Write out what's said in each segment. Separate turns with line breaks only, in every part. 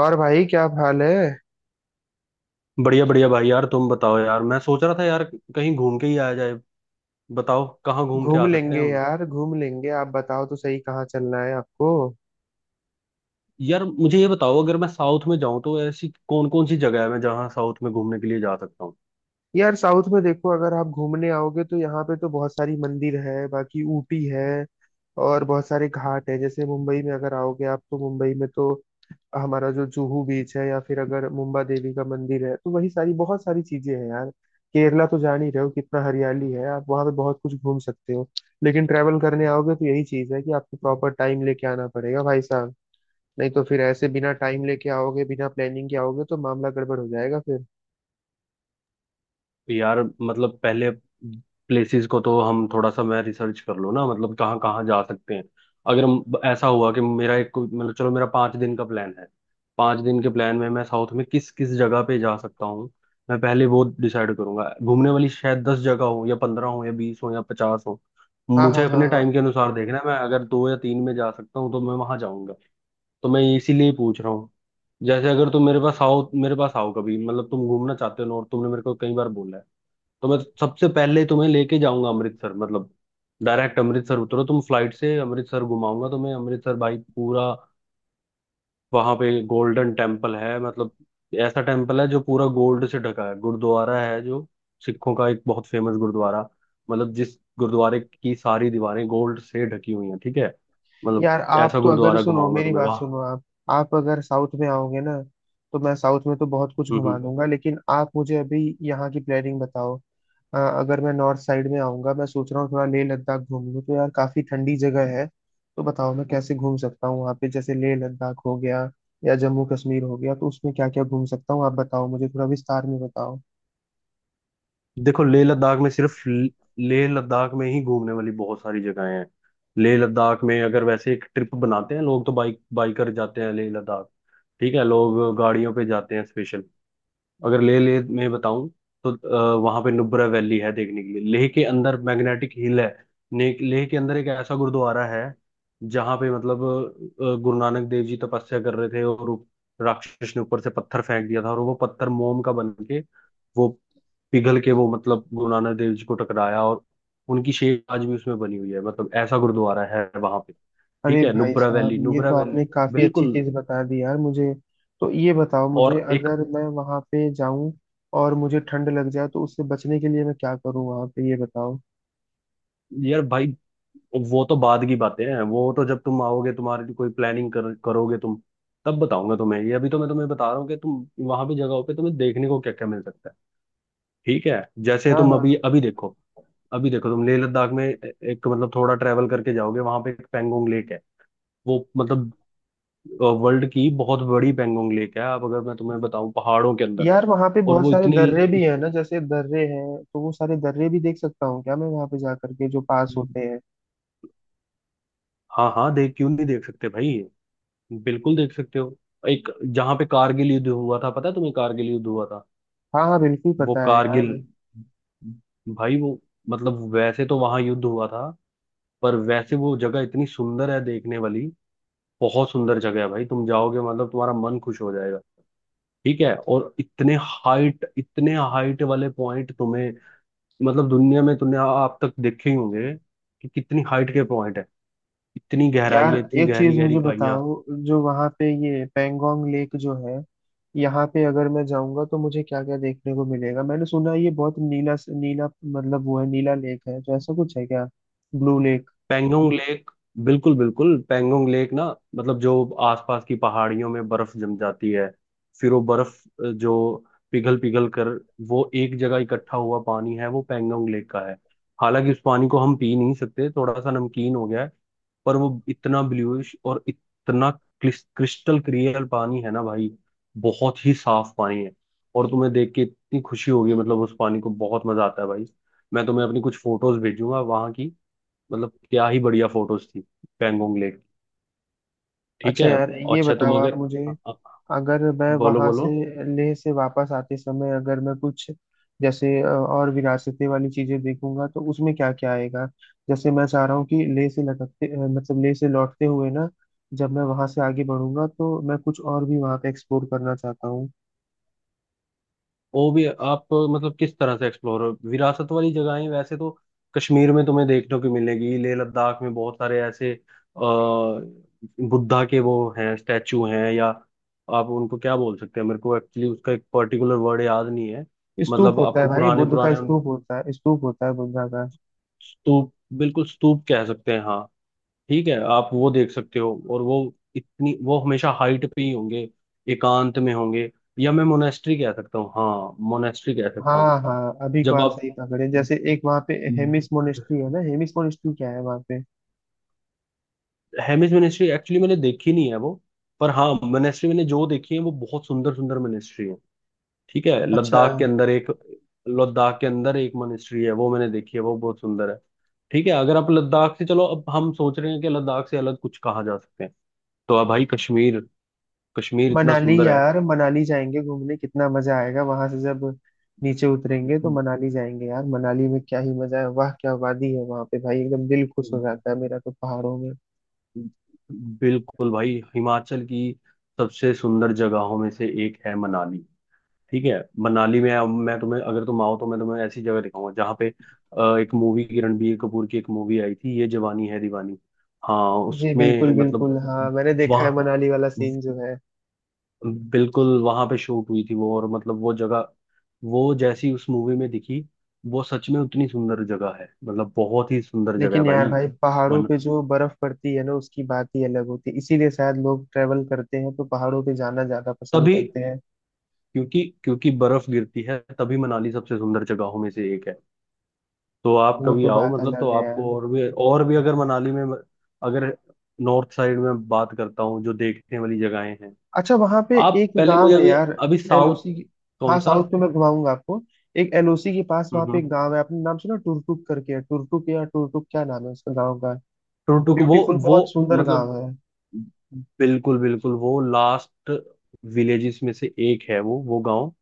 और भाई क्या हाल है।
बढ़िया बढ़िया भाई यार, तुम बताओ यार। मैं सोच रहा था यार, कहीं घूम के ही आया जाए। बताओ कहाँ घूम के
घूम
आ सकते हैं
लेंगे
हम।
यार, घूम लेंगे। आप बताओ तो सही कहाँ चलना है आपको।
यार मुझे ये बताओ, अगर मैं साउथ में जाऊं तो ऐसी कौन कौन सी जगह है मैं जहाँ साउथ में घूमने के लिए जा सकता हूँ।
यार साउथ में देखो, अगर आप घूमने आओगे तो यहाँ पे तो बहुत सारी मंदिर है, बाकी ऊटी है और बहुत सारे घाट है। जैसे मुंबई में अगर आओगे आप तो मुंबई में तो हमारा जो जुहू बीच है, या फिर अगर मुंबा देवी का मंदिर है तो वही सारी बहुत सारी चीजें हैं यार। केरला तो जान ही रहे हो कितना हरियाली है, आप वहां पे बहुत कुछ घूम सकते हो। लेकिन ट्रैवल करने आओगे तो यही चीज है कि आपको प्रॉपर टाइम लेके आना पड़ेगा भाई साहब। नहीं तो फिर ऐसे बिना टाइम लेके आओगे, बिना प्लानिंग के आओगे तो मामला गड़बड़ हो जाएगा फिर।
यार मतलब पहले प्लेसेस को तो हम थोड़ा सा, मैं रिसर्च कर लूँ ना, मतलब कहाँ कहाँ जा सकते हैं। अगर हम- ऐसा हुआ कि मतलब चलो, मेरा 5 दिन का प्लान है। पाँच दिन के प्लान में मैं साउथ में किस किस जगह पे जा सकता हूँ, मैं पहले वो डिसाइड करूंगा। घूमने वाली शायद 10 जगह हो, या 15 हो, या 20 हो, या 50 हो।
हाँ
मुझे
हाँ हाँ
अपने
हाँ।
टाइम के अनुसार देखना है, मैं अगर दो या तीन में जा सकता हूँ तो मैं वहां जाऊंगा। तो मैं इसीलिए पूछ रहा हूँ। जैसे अगर तुम मेरे पास आओ, कभी, मतलब तुम घूमना चाहते हो और तुमने मेरे को कई बार बोला है, तो मैं सबसे पहले तुम्हें लेके जाऊंगा अमृतसर। मतलब डायरेक्ट अमृतसर उतरो तुम, फ्लाइट से अमृतसर, घुमाऊंगा तुम्हें अमृतसर भाई पूरा। वहां पे गोल्डन टेम्पल है। मतलब ऐसा टेम्पल है जो पूरा गोल्ड से ढका है। गुरुद्वारा है जो सिखों का एक बहुत फेमस गुरुद्वारा, मतलब जिस गुरुद्वारे की सारी दीवारें गोल्ड से ढकी हुई हैं। ठीक है, मतलब
यार आप
ऐसा
तो, अगर
गुरुद्वारा
सुनो
घुमाऊंगा
मेरी
तुम्हें
बात सुनो आप। आप अगर साउथ में आओगे ना, तो मैं साउथ में तो बहुत कुछ
वहां।
घुमा दूंगा, लेकिन आप मुझे अभी यहाँ की प्लानिंग बताओ। अगर मैं नॉर्थ साइड में आऊंगा, मैं सोच रहा हूँ थोड़ा लेह लद्दाख घूम लूँ तो यार काफी ठंडी जगह है। तो बताओ मैं कैसे घूम सकता हूँ वहाँ पे, जैसे लेह लद्दाख हो गया या जम्मू कश्मीर हो गया तो उसमें क्या क्या घूम सकता हूँ, आप बताओ मुझे थोड़ा विस्तार में बताओ।
देखो, लेह लद्दाख में सिर्फ लेह लद्दाख में ही घूमने वाली बहुत सारी जगहें हैं। लेह लद्दाख में अगर वैसे एक ट्रिप बनाते हैं लोग, तो बाइकर जाते हैं लेह लद्दाख। ठीक है, लोग गाड़ियों पे जाते हैं स्पेशल। अगर लेह लेह में बताऊं तो वहां पे नुब्रा वैली है देखने के लिए। लेह के अंदर मैग्नेटिक हिल है। लेह के अंदर एक ऐसा गुरुद्वारा है जहाँ पे मतलब गुरु नानक देव जी तपस्या कर रहे थे, और राक्षस ने ऊपर से पत्थर फेंक दिया था, और वो पत्थर मोम का बन के, वो पिघल के, वो मतलब गुरु नानक देव जी को टकराया, और उनकी शेप आज भी उसमें बनी हुई है। मतलब ऐसा गुरुद्वारा है वहां पे। ठीक
अरे
है,
भाई
नुब्रा
साहब,
वैली,
ये
नुब्रा
तो
वैली,
आपने काफी अच्छी
बिल्कुल।
चीज बता दी यार मुझे। तो ये बताओ मुझे,
और एक,
अगर मैं वहां पे जाऊं और मुझे ठंड लग जाए तो उससे बचने के लिए मैं क्या करूं वहां पे, ये बताओ।
यार भाई, वो तो बाद की बातें हैं। वो तो जब तुम आओगे, तुम्हारी कोई प्लानिंग करोगे तुम, तब बताऊंगा तुम्हें ये। अभी तो मैं तुम्हें बता रहा हूँ कि तुम वहां भी जगहों पे तुम्हें देखने को क्या क्या मिल सकता है। ठीक है, जैसे
हाँ
तुम
हाँ।
अभी अभी देखो, अभी देखो, तुम लेह लद्दाख में एक मतलब थोड़ा ट्रेवल करके जाओगे, वहां पे एक पेंगोंग लेक है। वो मतलब वर्ल्ड की बहुत बड़ी पैंगोंग लेक है, आप, अगर मैं तुम्हें बताऊं, पहाड़ों के अंदर।
यार वहां पे
और
बहुत
वो
सारे दर्रे भी
इत-
हैं ना, जैसे दर्रे हैं, तो वो सारे दर्रे भी देख सकता हूँ क्या मैं वहां पे जा करके, जो पास होते हैं।
हाँ हाँ, देख क्यों नहीं देख सकते भाई, बिल्कुल देख सकते हो। एक जहाँ पे कारगिल युद्ध हुआ था, पता है तुम्हें कारगिल युद्ध हुआ था
हाँ हाँ बिल्कुल
वो,
पता है
कारगिल
यार।
भाई। वो मतलब वैसे तो वहां युद्ध हुआ था, पर वैसे वो जगह इतनी सुंदर है देखने वाली। बहुत सुंदर जगह है भाई, तुम जाओगे मतलब तुम्हारा मन खुश हो जाएगा। ठीक है, और इतने हाइट, इतने हाइट वाले पॉइंट तुम्हें, मतलब दुनिया में तुमने आप तक देखे ही होंगे कि कितनी हाइट के पॉइंट है, इतनी गहराई
यार
है, इतनी
एक
गहरी
चीज
गहरी
मुझे
खाइयां।
बताओ, जो वहां पे ये पेंगोंग लेक जो है, यहाँ पे अगर मैं जाऊंगा तो मुझे क्या क्या देखने को मिलेगा। मैंने सुना है ये बहुत नीला नीला, मतलब वो है नीला लेक है तो ऐसा कुछ है क्या, ब्लू लेक।
पेंगोंग लेक, बिल्कुल बिल्कुल पेंगोंग लेक ना, मतलब जो आसपास की पहाड़ियों में बर्फ जम जाती है, फिर वो बर्फ जो पिघल पिघल कर वो एक जगह इकट्ठा हुआ पानी है, वो पेंगोंग लेक का है। हालांकि उस पानी को हम पी नहीं सकते, थोड़ा सा नमकीन हो गया है, पर वो इतना ब्लूइश और इतना क्रिस्टल क्लियर पानी है ना भाई। बहुत ही साफ पानी है, और तुम्हें देख के इतनी खुशी होगी, मतलब उस पानी को बहुत मजा आता है भाई। मैं तुम्हें अपनी कुछ फोटोज भेजूंगा वहां की, मतलब क्या ही बढ़िया फोटोज थी, पैंगोंग लेक। ठीक
अच्छा
है,
यार, ये
अच्छा
बताओ
तुम
आप
अगर
मुझे,
अ- अ-
अगर मैं
बोलो
वहां से,
बोलो,
लेह से वापस आते समय अगर मैं कुछ, जैसे और विरासतें वाली चीजें देखूंगा तो उसमें क्या क्या आएगा। जैसे मैं चाह रहा हूँ कि लेह से लटकते, मतलब लेह से लौटते हुए ना, जब मैं वहां से आगे बढ़ूंगा तो मैं कुछ और भी वहां पे एक्सप्लोर करना चाहता हूँ।
वो भी आप मतलब किस तरह से एक्सप्लोर। विरासत वाली जगहें वैसे तो कश्मीर में तुम्हें देखने को मिलेगी। लेह लद्दाख में बहुत सारे ऐसे बुद्धा के वो हैं, स्टैचू हैं, या आप उनको क्या बोल सकते हैं, मेरे को एक्चुअली उसका एक पर्टिकुलर वर्ड याद नहीं है।
स्तूप
मतलब
होता है
आपको
भाई,
पुराने
बुद्ध का
पुराने
स्तूप होता है, स्तूप होता है बुद्धा का।
स्तूप, बिल्कुल स्तूप कह सकते हैं हाँ। ठीक है, आप वो देख सकते हो, और वो इतनी, वो हमेशा हाइट पे ही होंगे, एकांत में होंगे। या मैं मोनेस्ट्री कह सकता हूँ, हाँ मोनेस्ट्री कह सकता हूँ।
हाँ हाँ, अभी को
जब
आप
आप,
सही पकड़े, जैसे एक वहाँ पे हेमिस मोनेस्ट्री है ना, हेमिस मोनेस्ट्री क्या है वहाँ पे।
हेमिस मोनेस्ट्री एक्चुअली मैंने देखी नहीं है वो। पर हाँ, मोनेस्ट्री मैंने जो देखी है वो बहुत सुंदर सुंदर मोनेस्ट्री है। ठीक है,
अच्छा।
लद्दाख के अंदर एक मोनेस्ट्री है, वो मैंने देखी है, वो बहुत सुंदर है। ठीक है, अगर आप लद्दाख से, चलो अब हम सोच रहे हैं कि लद्दाख से अलग कुछ कहा जा सकते हैं, तो अब भाई कश्मीर, कश्मीर इतना
मनाली,
सुंदर
यार मनाली जाएंगे घूमने, कितना मजा आएगा वहां से जब नीचे उतरेंगे तो
है।
मनाली जाएंगे यार। मनाली में क्या ही मजा है, वाह क्या वादी है वहां पे भाई, एकदम दिल खुश हो जाता है मेरा तो पहाड़ों में।
बिल्कुल भाई, हिमाचल की सबसे सुंदर जगहों में से एक है मनाली। ठीक है, मनाली में अब मैं तुम्हें, अगर तुम आओ तो मैं तुम्हें ऐसी जगह दिखाऊंगा जहाँ पे एक मूवी की, रणबीर कपूर की एक मूवी आई थी, ये जवानी है दीवानी। हाँ
जी
उसमें
बिल्कुल
मतलब
बिल्कुल, हाँ मैंने देखा है
वहाँ,
मनाली वाला सीन जो है।
बिल्कुल वहां पे शूट हुई थी वो। और मतलब वो जगह, वो जैसी उस मूवी में दिखी, वो सच में उतनी सुंदर जगह है, मतलब बहुत ही सुंदर जगह है
लेकिन यार
भाई।
भाई, पहाड़ों
मन,
पे जो बर्फ पड़ती है ना, उसकी बात ही अलग होती है, इसीलिए शायद लोग ट्रेवल करते हैं तो पहाड़ों पे जाना ज्यादा पसंद
तभी,
करते हैं।
क्योंकि क्योंकि बर्फ गिरती है तभी मनाली सबसे सुंदर जगहों में से एक है। तो आप
वो
कभी
तो
आओ,
बात
मतलब तो
अलग है यार।
आपको, और भी, और भी अगर मनाली में, अगर नॉर्थ साइड में बात करता हूँ, जो देखने वाली जगहें हैं।
अच्छा वहां पे
आप
एक
पहले मुझे
गांव है
अभी,
यार,
अभी साउथ,
एलओसी।
कौन
हाँ,
सा?
साउथ में मैं घुमाऊंगा आपको। एक एलओसी के पास वहां पे
हम्म,
एक गांव है, आपने नाम सुना टुरटुक करके है, टुरटुक या टुरटुक क्या नाम है उसका गांव का।
टुकटुक वो
ब्यूटीफुल,
वो
बहुत सुंदर
मतलब,
गांव है।
बिल्कुल बिल्कुल वो लास्ट विलेजेस में से एक है वो गांव।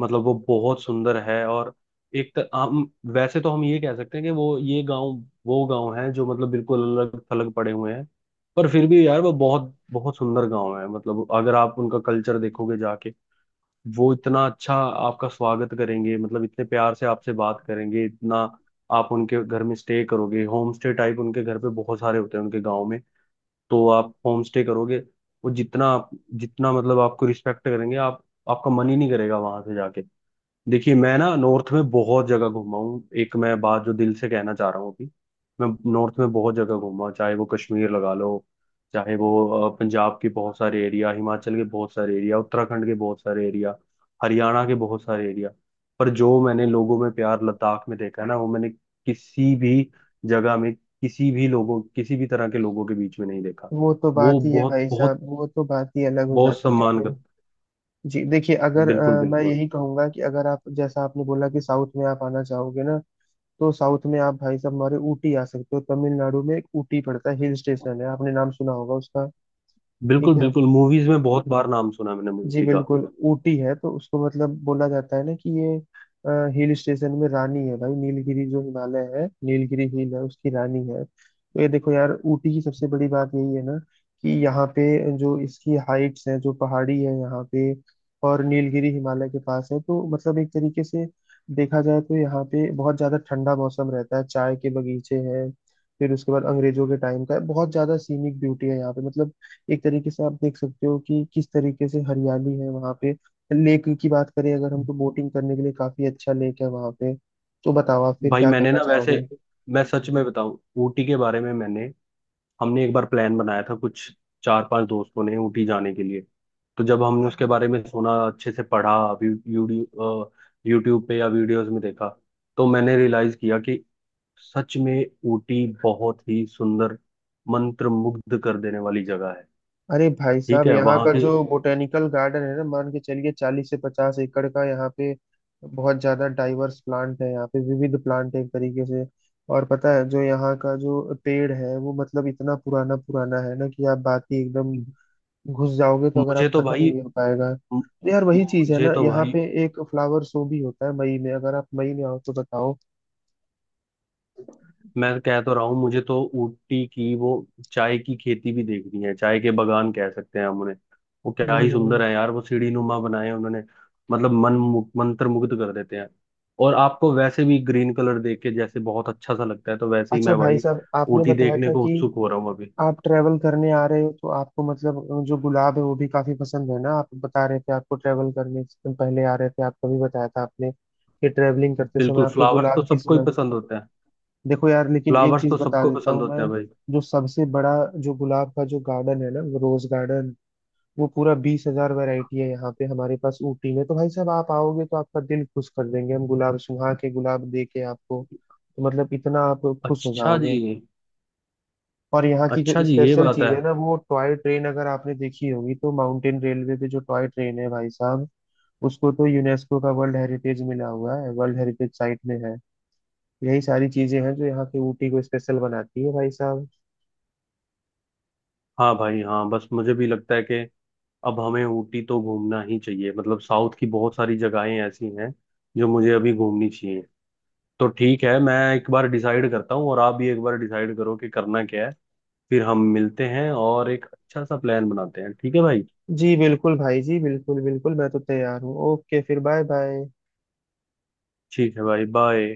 मतलब वो बहुत सुंदर है। और हम वैसे तो, हम ये कह सकते हैं कि वो ये गांव, वो गांव है जो मतलब बिल्कुल अलग थलग पड़े हुए हैं। पर फिर भी यार वो बहुत बहुत सुंदर गांव है। मतलब अगर आप उनका कल्चर देखोगे जाके, वो इतना अच्छा आपका स्वागत करेंगे, मतलब इतने प्यार से आपसे बात करेंगे इतना। आप उनके घर में स्टे करोगे, होम स्टे टाइप उनके घर पे बहुत सारे होते हैं उनके गांव में। तो आप होम स्टे करोगे। वो जितना जितना मतलब आपको रिस्पेक्ट करेंगे, आप, आपका मन ही नहीं करेगा वहां से जाके। देखिए मैं ना नॉर्थ में बहुत जगह घूमा हूँ, एक मैं बात जो दिल से कहना चाह रहा हूँ अभी। मैं नॉर्थ में बहुत जगह घूमा, चाहे वो कश्मीर लगा लो, चाहे वो पंजाब के बहुत सारे एरिया, हिमाचल के बहुत सारे एरिया, उत्तराखंड के बहुत सारे एरिया, हरियाणा के बहुत सारे एरिया, पर जो मैंने लोगों में प्यार लद्दाख में देखा है ना, वो मैंने किसी भी जगह में, किसी भी लोगों, किसी भी तरह के लोगों के बीच में नहीं देखा।
वो तो
वो
बात ही है
बहुत
भाई
बहुत
साहब, वो तो बात ही अलग हो
बहुत
जाती है
सम्मान
फिर।
कर,
जी देखिए, अगर
बिल्कुल
मैं
बिल्कुल,
यही कहूंगा कि अगर आप, जैसा आपने बोला कि साउथ में आप आना चाहोगे ना, तो साउथ में आप भाई साहब हमारे ऊटी आ सकते हो। तमिलनाडु में एक ऊटी पड़ता है, हिल स्टेशन है, आपने नाम सुना होगा उसका।
बिल्कुल
ठीक है।
बिल्कुल, मूवीज में बहुत बार नाम सुना है मैंने
जी
ऊटी का।
बिल्कुल। ऊटी है तो उसको मतलब बोला जाता है ना कि ये हिल स्टेशन में रानी है भाई, नीलगिरी जो हिमालय है, नीलगिरी हिल है उसकी रानी है। तो ये देखो यार, ऊटी की सबसे बड़ी बात यही है ना कि यहाँ पे जो इसकी हाइट्स है, जो पहाड़ी है यहाँ पे, और नीलगिरी हिमालय के पास है, तो मतलब एक तरीके से देखा जाए तो यहाँ पे बहुत ज्यादा ठंडा मौसम रहता है, चाय के बगीचे हैं। फिर उसके बाद अंग्रेजों के टाइम का है, बहुत ज्यादा सीनिक ब्यूटी है यहाँ पे, मतलब एक तरीके से आप देख सकते हो कि किस तरीके से हरियाली है वहाँ पे। लेक की बात करें अगर हम, तो बोटिंग करने के लिए काफी अच्छा लेक है वहाँ पे। तो बताओ आप फिर
भाई
क्या
मैंने
करना
ना, वैसे,
चाहोगे।
मैं सच में बताऊं, ऊटी के बारे में, मैंने हमने एक बार प्लान बनाया था कुछ चार पांच दोस्तों ने ऊटी जाने के लिए। तो जब हमने उसके बारे में सुना, अच्छे से पढ़ा, यूट्यूब यूट्यूब पे या वीडियोस में देखा, तो मैंने रियलाइज किया कि सच में ऊटी बहुत ही सुंदर, मंत्र मुग्ध कर देने वाली जगह है।
अरे भाई
ठीक
साहब,
है
यहाँ
वहां
का
की।
जो बोटेनिकल गार्डन है ना, मान के चलिए 40 से 50 एकड़ का यहाँ पे। बहुत ज्यादा डाइवर्स प्लांट है यहाँ पे, विविध प्लांट है एक तरीके से। और पता है जो यहाँ का जो पेड़ है, वो मतलब इतना पुराना पुराना है ना कि आप बात ही, एकदम घुस जाओगे तो अगर
मुझे
आप,
तो
खत्म ही
भाई
नहीं हो पाएगा। तो यार वही चीज है
मुझे
ना,
तो
यहाँ
भाई,
पे एक फ्लावर शो भी होता है मई में, अगर आप मई में आओ तो बताओ।
मैं कह तो रहा हूँ, मुझे तो ऊटी की वो चाय की खेती भी देखनी है। चाय के बागान कह सकते हैं हम उन्हें। वो क्या ही
हम्म।
सुंदर है यार, वो सीढ़ी नुमा बनाए हैं उन्होंने, मतलब मंत्रमुग्ध कर देते हैं। और आपको वैसे भी ग्रीन कलर देख के जैसे बहुत अच्छा सा लगता है, तो वैसे ही
अच्छा
मैं
भाई
भाई
साहब, आपने
ऊटी
बताया
देखने
था
को
कि
उत्सुक हो रहा हूँ अभी।
आप ट्रेवल करने आ रहे हो, तो आपको मतलब जो गुलाब है वो भी काफी पसंद है ना, आप बता रहे थे। आपको ट्रेवल करने से, तुम पहले आ रहे थे, आपको भी बताया था आपने कि ट्रेवलिंग करते समय
बिल्कुल,
आपको
फ्लावर्स तो
गुलाब की
सबको ही
स्मेल।
पसंद होते हैं।
देखो यार, लेकिन एक
फ्लावर्स
चीज
तो
बता
सबको
देता
पसंद
हूँ मैं,
होते हैं भाई।
जो सबसे बड़ा जो गुलाब का जो गार्डन है ना, वो रोज गार्डन, वो पूरा 20,000 वेराइटी है यहाँ पे हमारे पास ऊटी में। तो भाई साहब आप आओगे तो आपका दिल खुश कर देंगे हम, गुलाब सुहा के गुलाब दे के आपको। तो मतलब इतना आप खुश हो
अच्छा जी,
जाओगे। और यहाँ की जो
अच्छा जी, ये
स्पेशल
बात है।
चीज है ना, वो टॉय ट्रेन, अगर आपने देखी होगी तो, माउंटेन रेलवे पे जो टॉय ट्रेन है भाई साहब, उसको तो यूनेस्को का वर्ल्ड हेरिटेज मिला हुआ है, वर्ल्ड हेरिटेज साइट में है। यही सारी चीजें हैं जो यहाँ के ऊटी को स्पेशल बनाती है भाई साहब।
हाँ भाई, हाँ, बस मुझे भी लगता है कि अब हमें ऊटी तो घूमना ही चाहिए। मतलब साउथ की बहुत सारी जगहें ऐसी हैं जो मुझे अभी घूमनी चाहिए। तो ठीक है, मैं एक बार डिसाइड करता हूँ, और आप भी एक बार डिसाइड करो कि करना क्या है, फिर हम मिलते हैं और एक अच्छा सा प्लान बनाते हैं। ठीक है भाई।
जी बिल्कुल भाई, जी बिल्कुल बिल्कुल, मैं तो तैयार हूँ। ओके फिर, बाय बाय।
ठीक है भाई, बाय।